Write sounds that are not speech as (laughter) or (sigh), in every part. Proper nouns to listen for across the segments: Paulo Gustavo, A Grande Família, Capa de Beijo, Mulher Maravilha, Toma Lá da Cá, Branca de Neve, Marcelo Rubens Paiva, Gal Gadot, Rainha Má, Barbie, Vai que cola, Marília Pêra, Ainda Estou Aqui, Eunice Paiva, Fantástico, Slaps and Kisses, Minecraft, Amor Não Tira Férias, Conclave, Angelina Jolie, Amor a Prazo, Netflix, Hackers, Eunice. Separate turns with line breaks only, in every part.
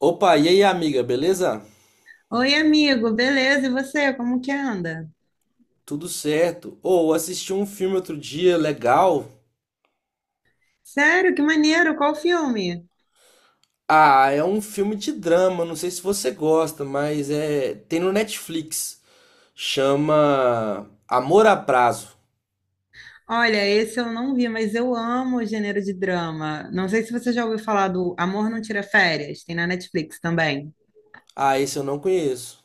Opa, e aí, amiga, beleza?
Oi, amigo, beleza? E você, como que anda?
Tudo certo? Assisti um filme outro dia, legal.
Sério, que maneiro, qual filme?
Ah, é um filme de drama, não sei se você gosta, mas é, tem no Netflix. Chama Amor a Prazo.
Olha, esse eu não vi, mas eu amo o gênero de drama. Não sei se você já ouviu falar do Amor Não Tira Férias, tem na Netflix também.
Ah, esse eu não conheço.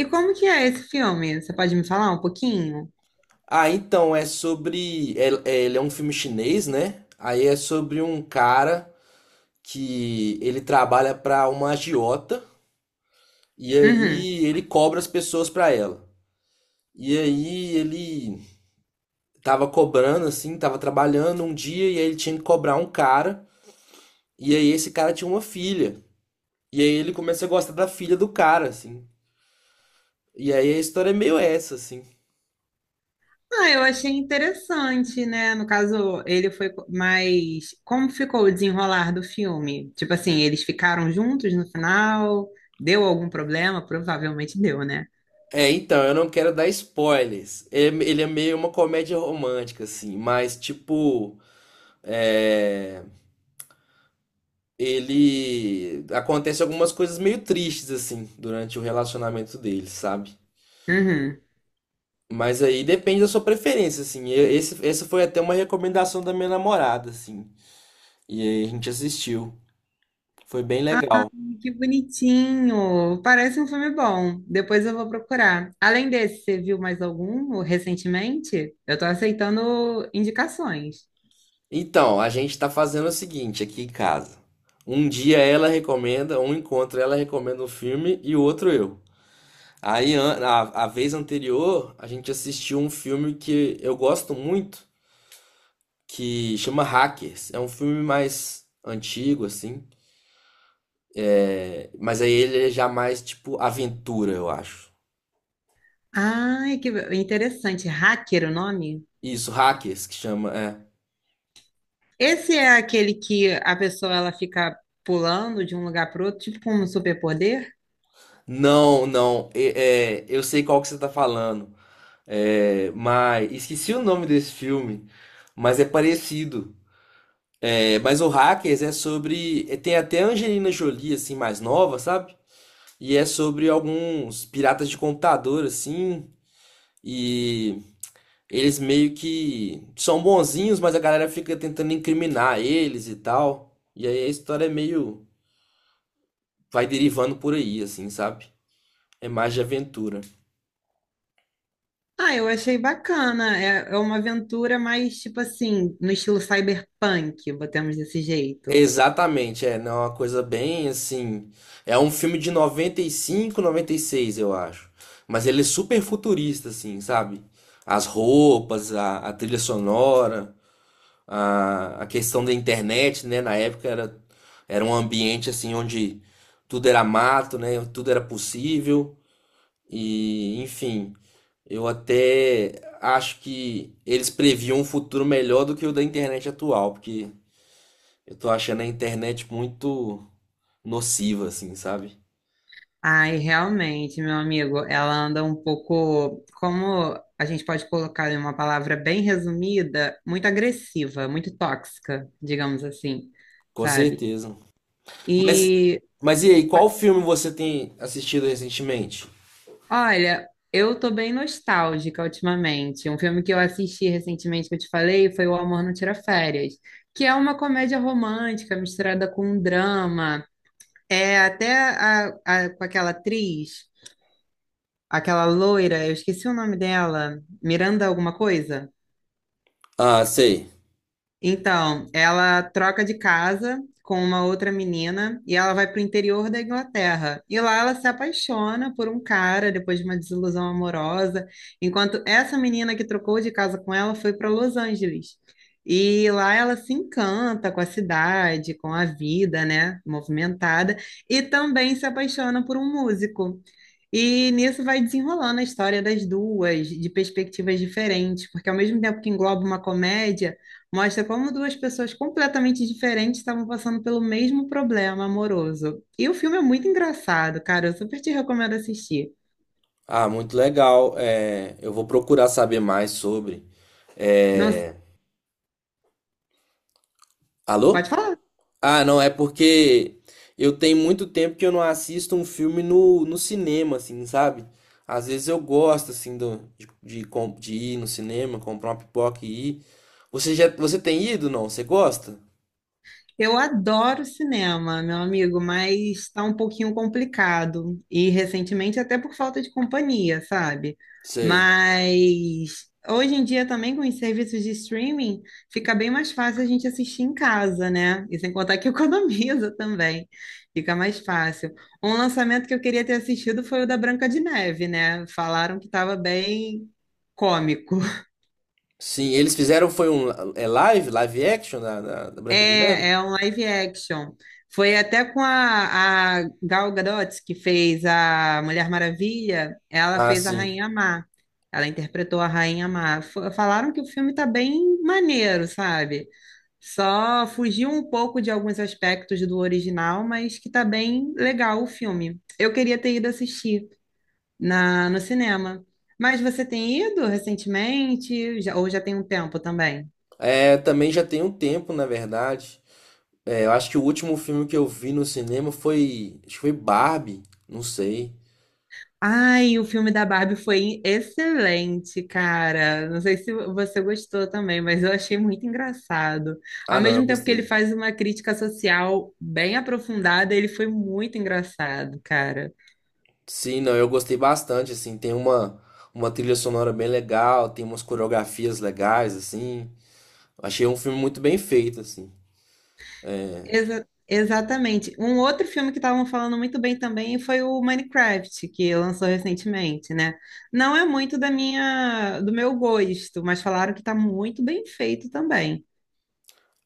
E como que é esse filme? Você pode me falar um pouquinho?
Ah, então é sobre, ele é um filme chinês, né? Aí é sobre um cara que ele trabalha para uma agiota e
Uhum.
aí ele cobra as pessoas para ela. E aí ele tava cobrando, assim, tava trabalhando um dia e aí ele tinha que cobrar um cara. E aí esse cara tinha uma filha. E aí ele começa a gostar da filha do cara, assim. E aí a história é meio essa, assim.
Ah, eu achei interessante, né? No caso, mais. Como ficou o desenrolar do filme? Tipo assim, eles ficaram juntos no final? Deu algum problema? Provavelmente deu, né?
É, então, eu não quero dar spoilers. Ele é meio uma comédia romântica, assim, mas tipo. É... Ele. Acontece algumas coisas meio tristes, assim, durante o relacionamento deles, sabe?
Uhum.
Mas aí depende da sua preferência, assim. Essa foi até uma recomendação da minha namorada, assim. E aí a gente assistiu. Foi bem legal.
Que bonitinho! Parece um filme bom. Depois eu vou procurar. Além desse, você viu mais algum recentemente? Eu tô aceitando indicações.
Então, a gente tá fazendo o seguinte aqui em casa. Um encontro ela recomenda um filme e o outro eu. Aí, a vez anterior, a gente assistiu um filme que eu gosto muito, que chama Hackers. É um filme mais antigo, assim. Mas aí ele é já mais tipo aventura, eu acho.
Ai, que interessante. Hacker, o nome?
Isso, Hackers que chama, é.
Esse é aquele que a pessoa ela fica pulando de um lugar para outro, tipo com um superpoder?
Não, não, eu sei qual que você tá falando. É, mas esqueci o nome desse filme, mas é parecido. É, mas o Hackers é sobre. Tem até a Angelina Jolie, assim, mais nova, sabe? E é sobre alguns piratas de computador, assim. E eles meio que são bonzinhos, mas a galera fica tentando incriminar eles e tal. E aí a história é meio, vai derivando por aí, assim, sabe? É mais de aventura.
Ah, eu achei bacana. É, é uma aventura mais tipo assim, no estilo cyberpunk, botamos desse jeito.
Exatamente, é, não, é uma coisa bem assim. É um filme de 95 96, eu acho. Mas ele é super futurista, assim, sabe? As roupas, a trilha sonora, a questão da internet, né? Na época era um ambiente assim onde tudo era mato, né? Tudo era possível. E, enfim, eu até acho que eles previam um futuro melhor do que o da internet atual, porque eu tô achando a internet muito nociva, assim, sabe?
Ai, realmente, meu amigo, ela anda um pouco, como a gente pode colocar em uma palavra bem resumida, muito agressiva, muito tóxica, digamos assim,
Com
sabe?
certeza. Mas,
E
mas e aí,
o-
qual filme você tem assistido recentemente?
olha, eu tô bem nostálgica ultimamente. Um filme que eu assisti recentemente que eu te falei foi O Amor Não Tira Férias, que é uma comédia romântica misturada com um drama. É até com aquela atriz. Aquela loira, eu esqueci o nome dela, Miranda alguma coisa?
Ah, sei.
Então, ela troca de casa com uma outra menina e ela vai para o interior da Inglaterra. E lá ela se apaixona por um cara depois de uma desilusão amorosa, enquanto essa menina que trocou de casa com ela foi para Los Angeles. E lá ela se encanta com a cidade, com a vida, né, movimentada, e também se apaixona por um músico. E nisso vai desenrolando a história das duas, de perspectivas diferentes, porque ao mesmo tempo que engloba uma comédia, mostra como duas pessoas completamente diferentes estavam passando pelo mesmo problema amoroso. E o filme é muito engraçado, cara. Eu super te recomendo assistir.
Ah, muito legal. É, eu vou procurar saber mais sobre.
Não,
É, Alô?
pode falar.
Ah, não, é porque eu tenho muito tempo que eu não assisto um filme no cinema, assim, sabe? Às vezes eu gosto, assim, do, de, com- de ir no cinema, comprar uma pipoca e ir. Você tem ido, não? Você gosta?
Eu adoro cinema, meu amigo, mas está um pouquinho complicado. E recentemente até por falta de companhia, sabe?
Sei.
Mas hoje em dia também com os serviços de streaming fica bem mais fácil a gente assistir em casa, né? E sem contar que (laughs) economiza também. Fica mais fácil. Um lançamento que eu queria ter assistido foi o da Branca de Neve, né? Falaram que estava bem cômico.
Sim, eles fizeram foi um live action da Branca de Neve?
É, é um live action. Foi até com a Gal Gadot, que fez a Mulher Maravilha, ela
Ah,
fez a
sim.
Rainha Má. Ela interpretou a Rainha Má. Falaram que o filme tá bem maneiro, sabe? Só fugiu um pouco de alguns aspectos do original, mas que tá bem legal o filme. Eu queria ter ido assistir no cinema. Mas você tem ido recentemente? Ou já tem um tempo também?
É, também já tem um tempo, na verdade. É, eu acho que o último filme que eu vi no cinema foi, acho que foi Barbie, não sei.
Ai, o filme da Barbie foi excelente, cara. Não sei se você gostou também, mas eu achei muito engraçado.
Ah,
Ao
não, eu
mesmo tempo que ele
gostei.
faz uma crítica social bem aprofundada, ele foi muito engraçado, cara.
Sim, não, eu gostei bastante, assim, tem uma trilha sonora bem legal, tem umas coreografias legais, assim. Achei um filme muito bem feito, assim.
Exatamente. Um outro filme que estavam falando muito bem também foi o Minecraft, que lançou recentemente, né? Não é muito da do meu gosto, mas falaram que tá muito bem feito também.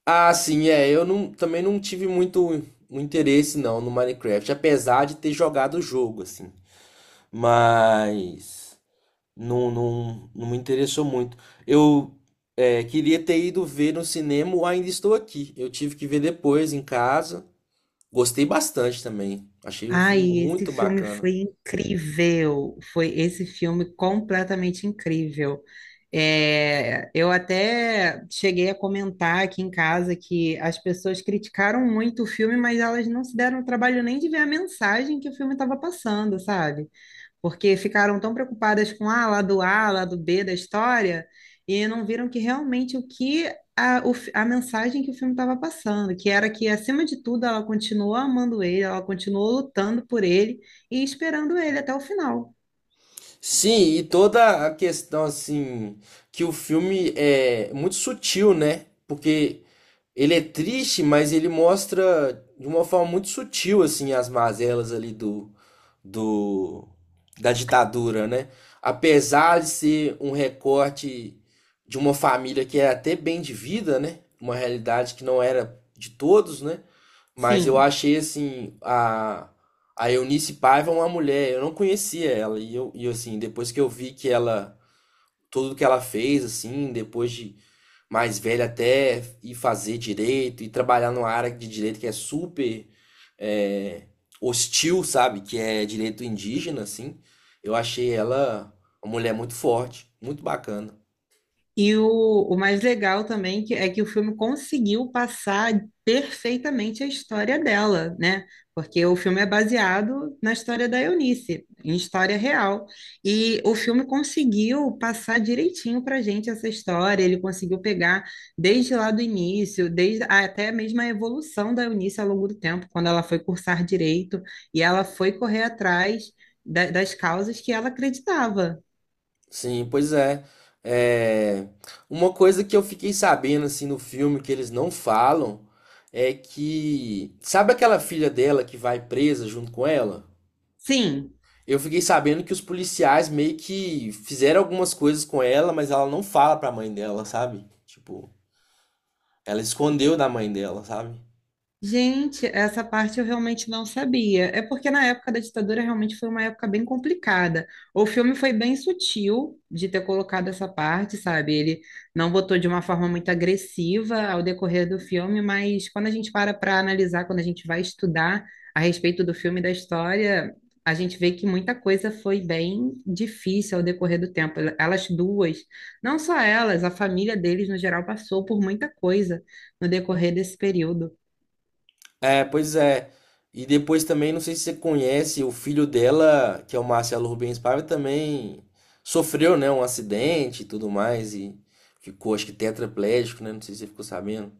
Ah, sim, é. Eu não, também não tive muito o interesse não no Minecraft, apesar de ter jogado o jogo, assim. Mas não, não, não me interessou muito. Eu queria ter ido ver no cinema o Ainda Estou Aqui. Eu tive que ver depois em casa. Gostei bastante também. Achei um filme
Ai, esse
muito
filme
bacana.
foi incrível. Foi esse filme completamente incrível. É, eu até cheguei a comentar aqui em casa que as pessoas criticaram muito o filme, mas elas não se deram o trabalho nem de ver a mensagem que o filme estava passando, sabe? Porque ficaram tão preocupadas com ah, lá do A, lá do B da história, e não viram que realmente o que a mensagem que o filme estava passando, que era que, acima de tudo, ela continuou amando ele, ela continuou lutando por ele e esperando ele até o final.
Sim, e toda a questão assim que o filme é muito sutil, né? Porque ele é triste, mas ele mostra de uma forma muito sutil assim as mazelas ali do, do da ditadura, né? Apesar de ser um recorte de uma família que era até bem de vida, né? Uma realidade que não era de todos, né? Mas eu
Sim.
achei assim a Eunice Paiva uma mulher, eu não conhecia ela e eu e assim, depois que eu vi que ela tudo que ela fez assim, depois de mais velha até ir fazer direito e trabalhar numa área de direito que é super é, hostil, sabe? Que é direito indígena, assim. Eu achei ela uma mulher muito forte, muito bacana.
E o mais legal também que, é que o filme conseguiu passar perfeitamente a história dela, né? Porque o filme é baseado na história da Eunice, em história real. E o filme conseguiu passar direitinho para gente essa história, ele conseguiu pegar desde lá do início, até mesmo a evolução da Eunice ao longo do tempo, quando ela foi cursar direito e ela foi correr atrás das causas que ela acreditava.
Sim, pois é. É, Uma coisa que eu fiquei sabendo, assim, no filme que eles não falam é que. Sabe aquela filha dela que vai presa junto com ela?
Sim,
Eu fiquei sabendo que os policiais meio que fizeram algumas coisas com ela, mas ela não fala pra mãe dela, sabe? Tipo, ela escondeu da mãe dela, sabe?
gente, essa parte eu realmente não sabia. É porque na época da ditadura realmente foi uma época bem complicada. O filme foi bem sutil de ter colocado essa parte, sabe? Ele não botou de uma forma muito agressiva ao decorrer do filme, mas quando a gente para para analisar, quando a gente vai estudar a respeito do filme e da história, a gente vê que muita coisa foi bem difícil ao decorrer do tempo. Elas duas, não só elas, a família deles no geral passou por muita coisa no decorrer desse período.
É, pois é. E depois também, não sei se você conhece, o filho dela, que é o Marcelo Rubens Paiva, também sofreu, né, um acidente e tudo mais, e ficou, acho que tetraplégico, né? Não sei se você ficou sabendo.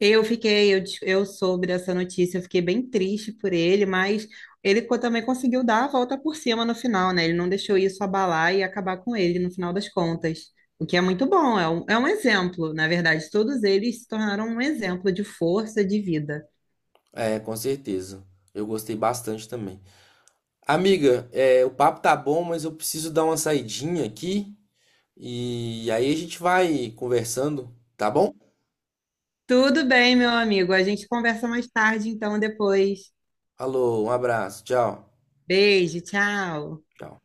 Eu soube dessa notícia, eu fiquei bem triste por ele, mas ele também conseguiu dar a volta por cima no final, né? Ele não deixou isso abalar e acabar com ele no final das contas, o que é muito bom, é um exemplo, na verdade, todos eles se tornaram um exemplo de força de vida.
É, com certeza. Eu gostei bastante também. Amiga, o papo tá bom, mas eu preciso dar uma saidinha aqui. E aí a gente vai conversando, tá bom?
Tudo bem, meu amigo, a gente conversa mais tarde, então depois.
Falou, um abraço, tchau.
Beijo, tchau.
Tchau.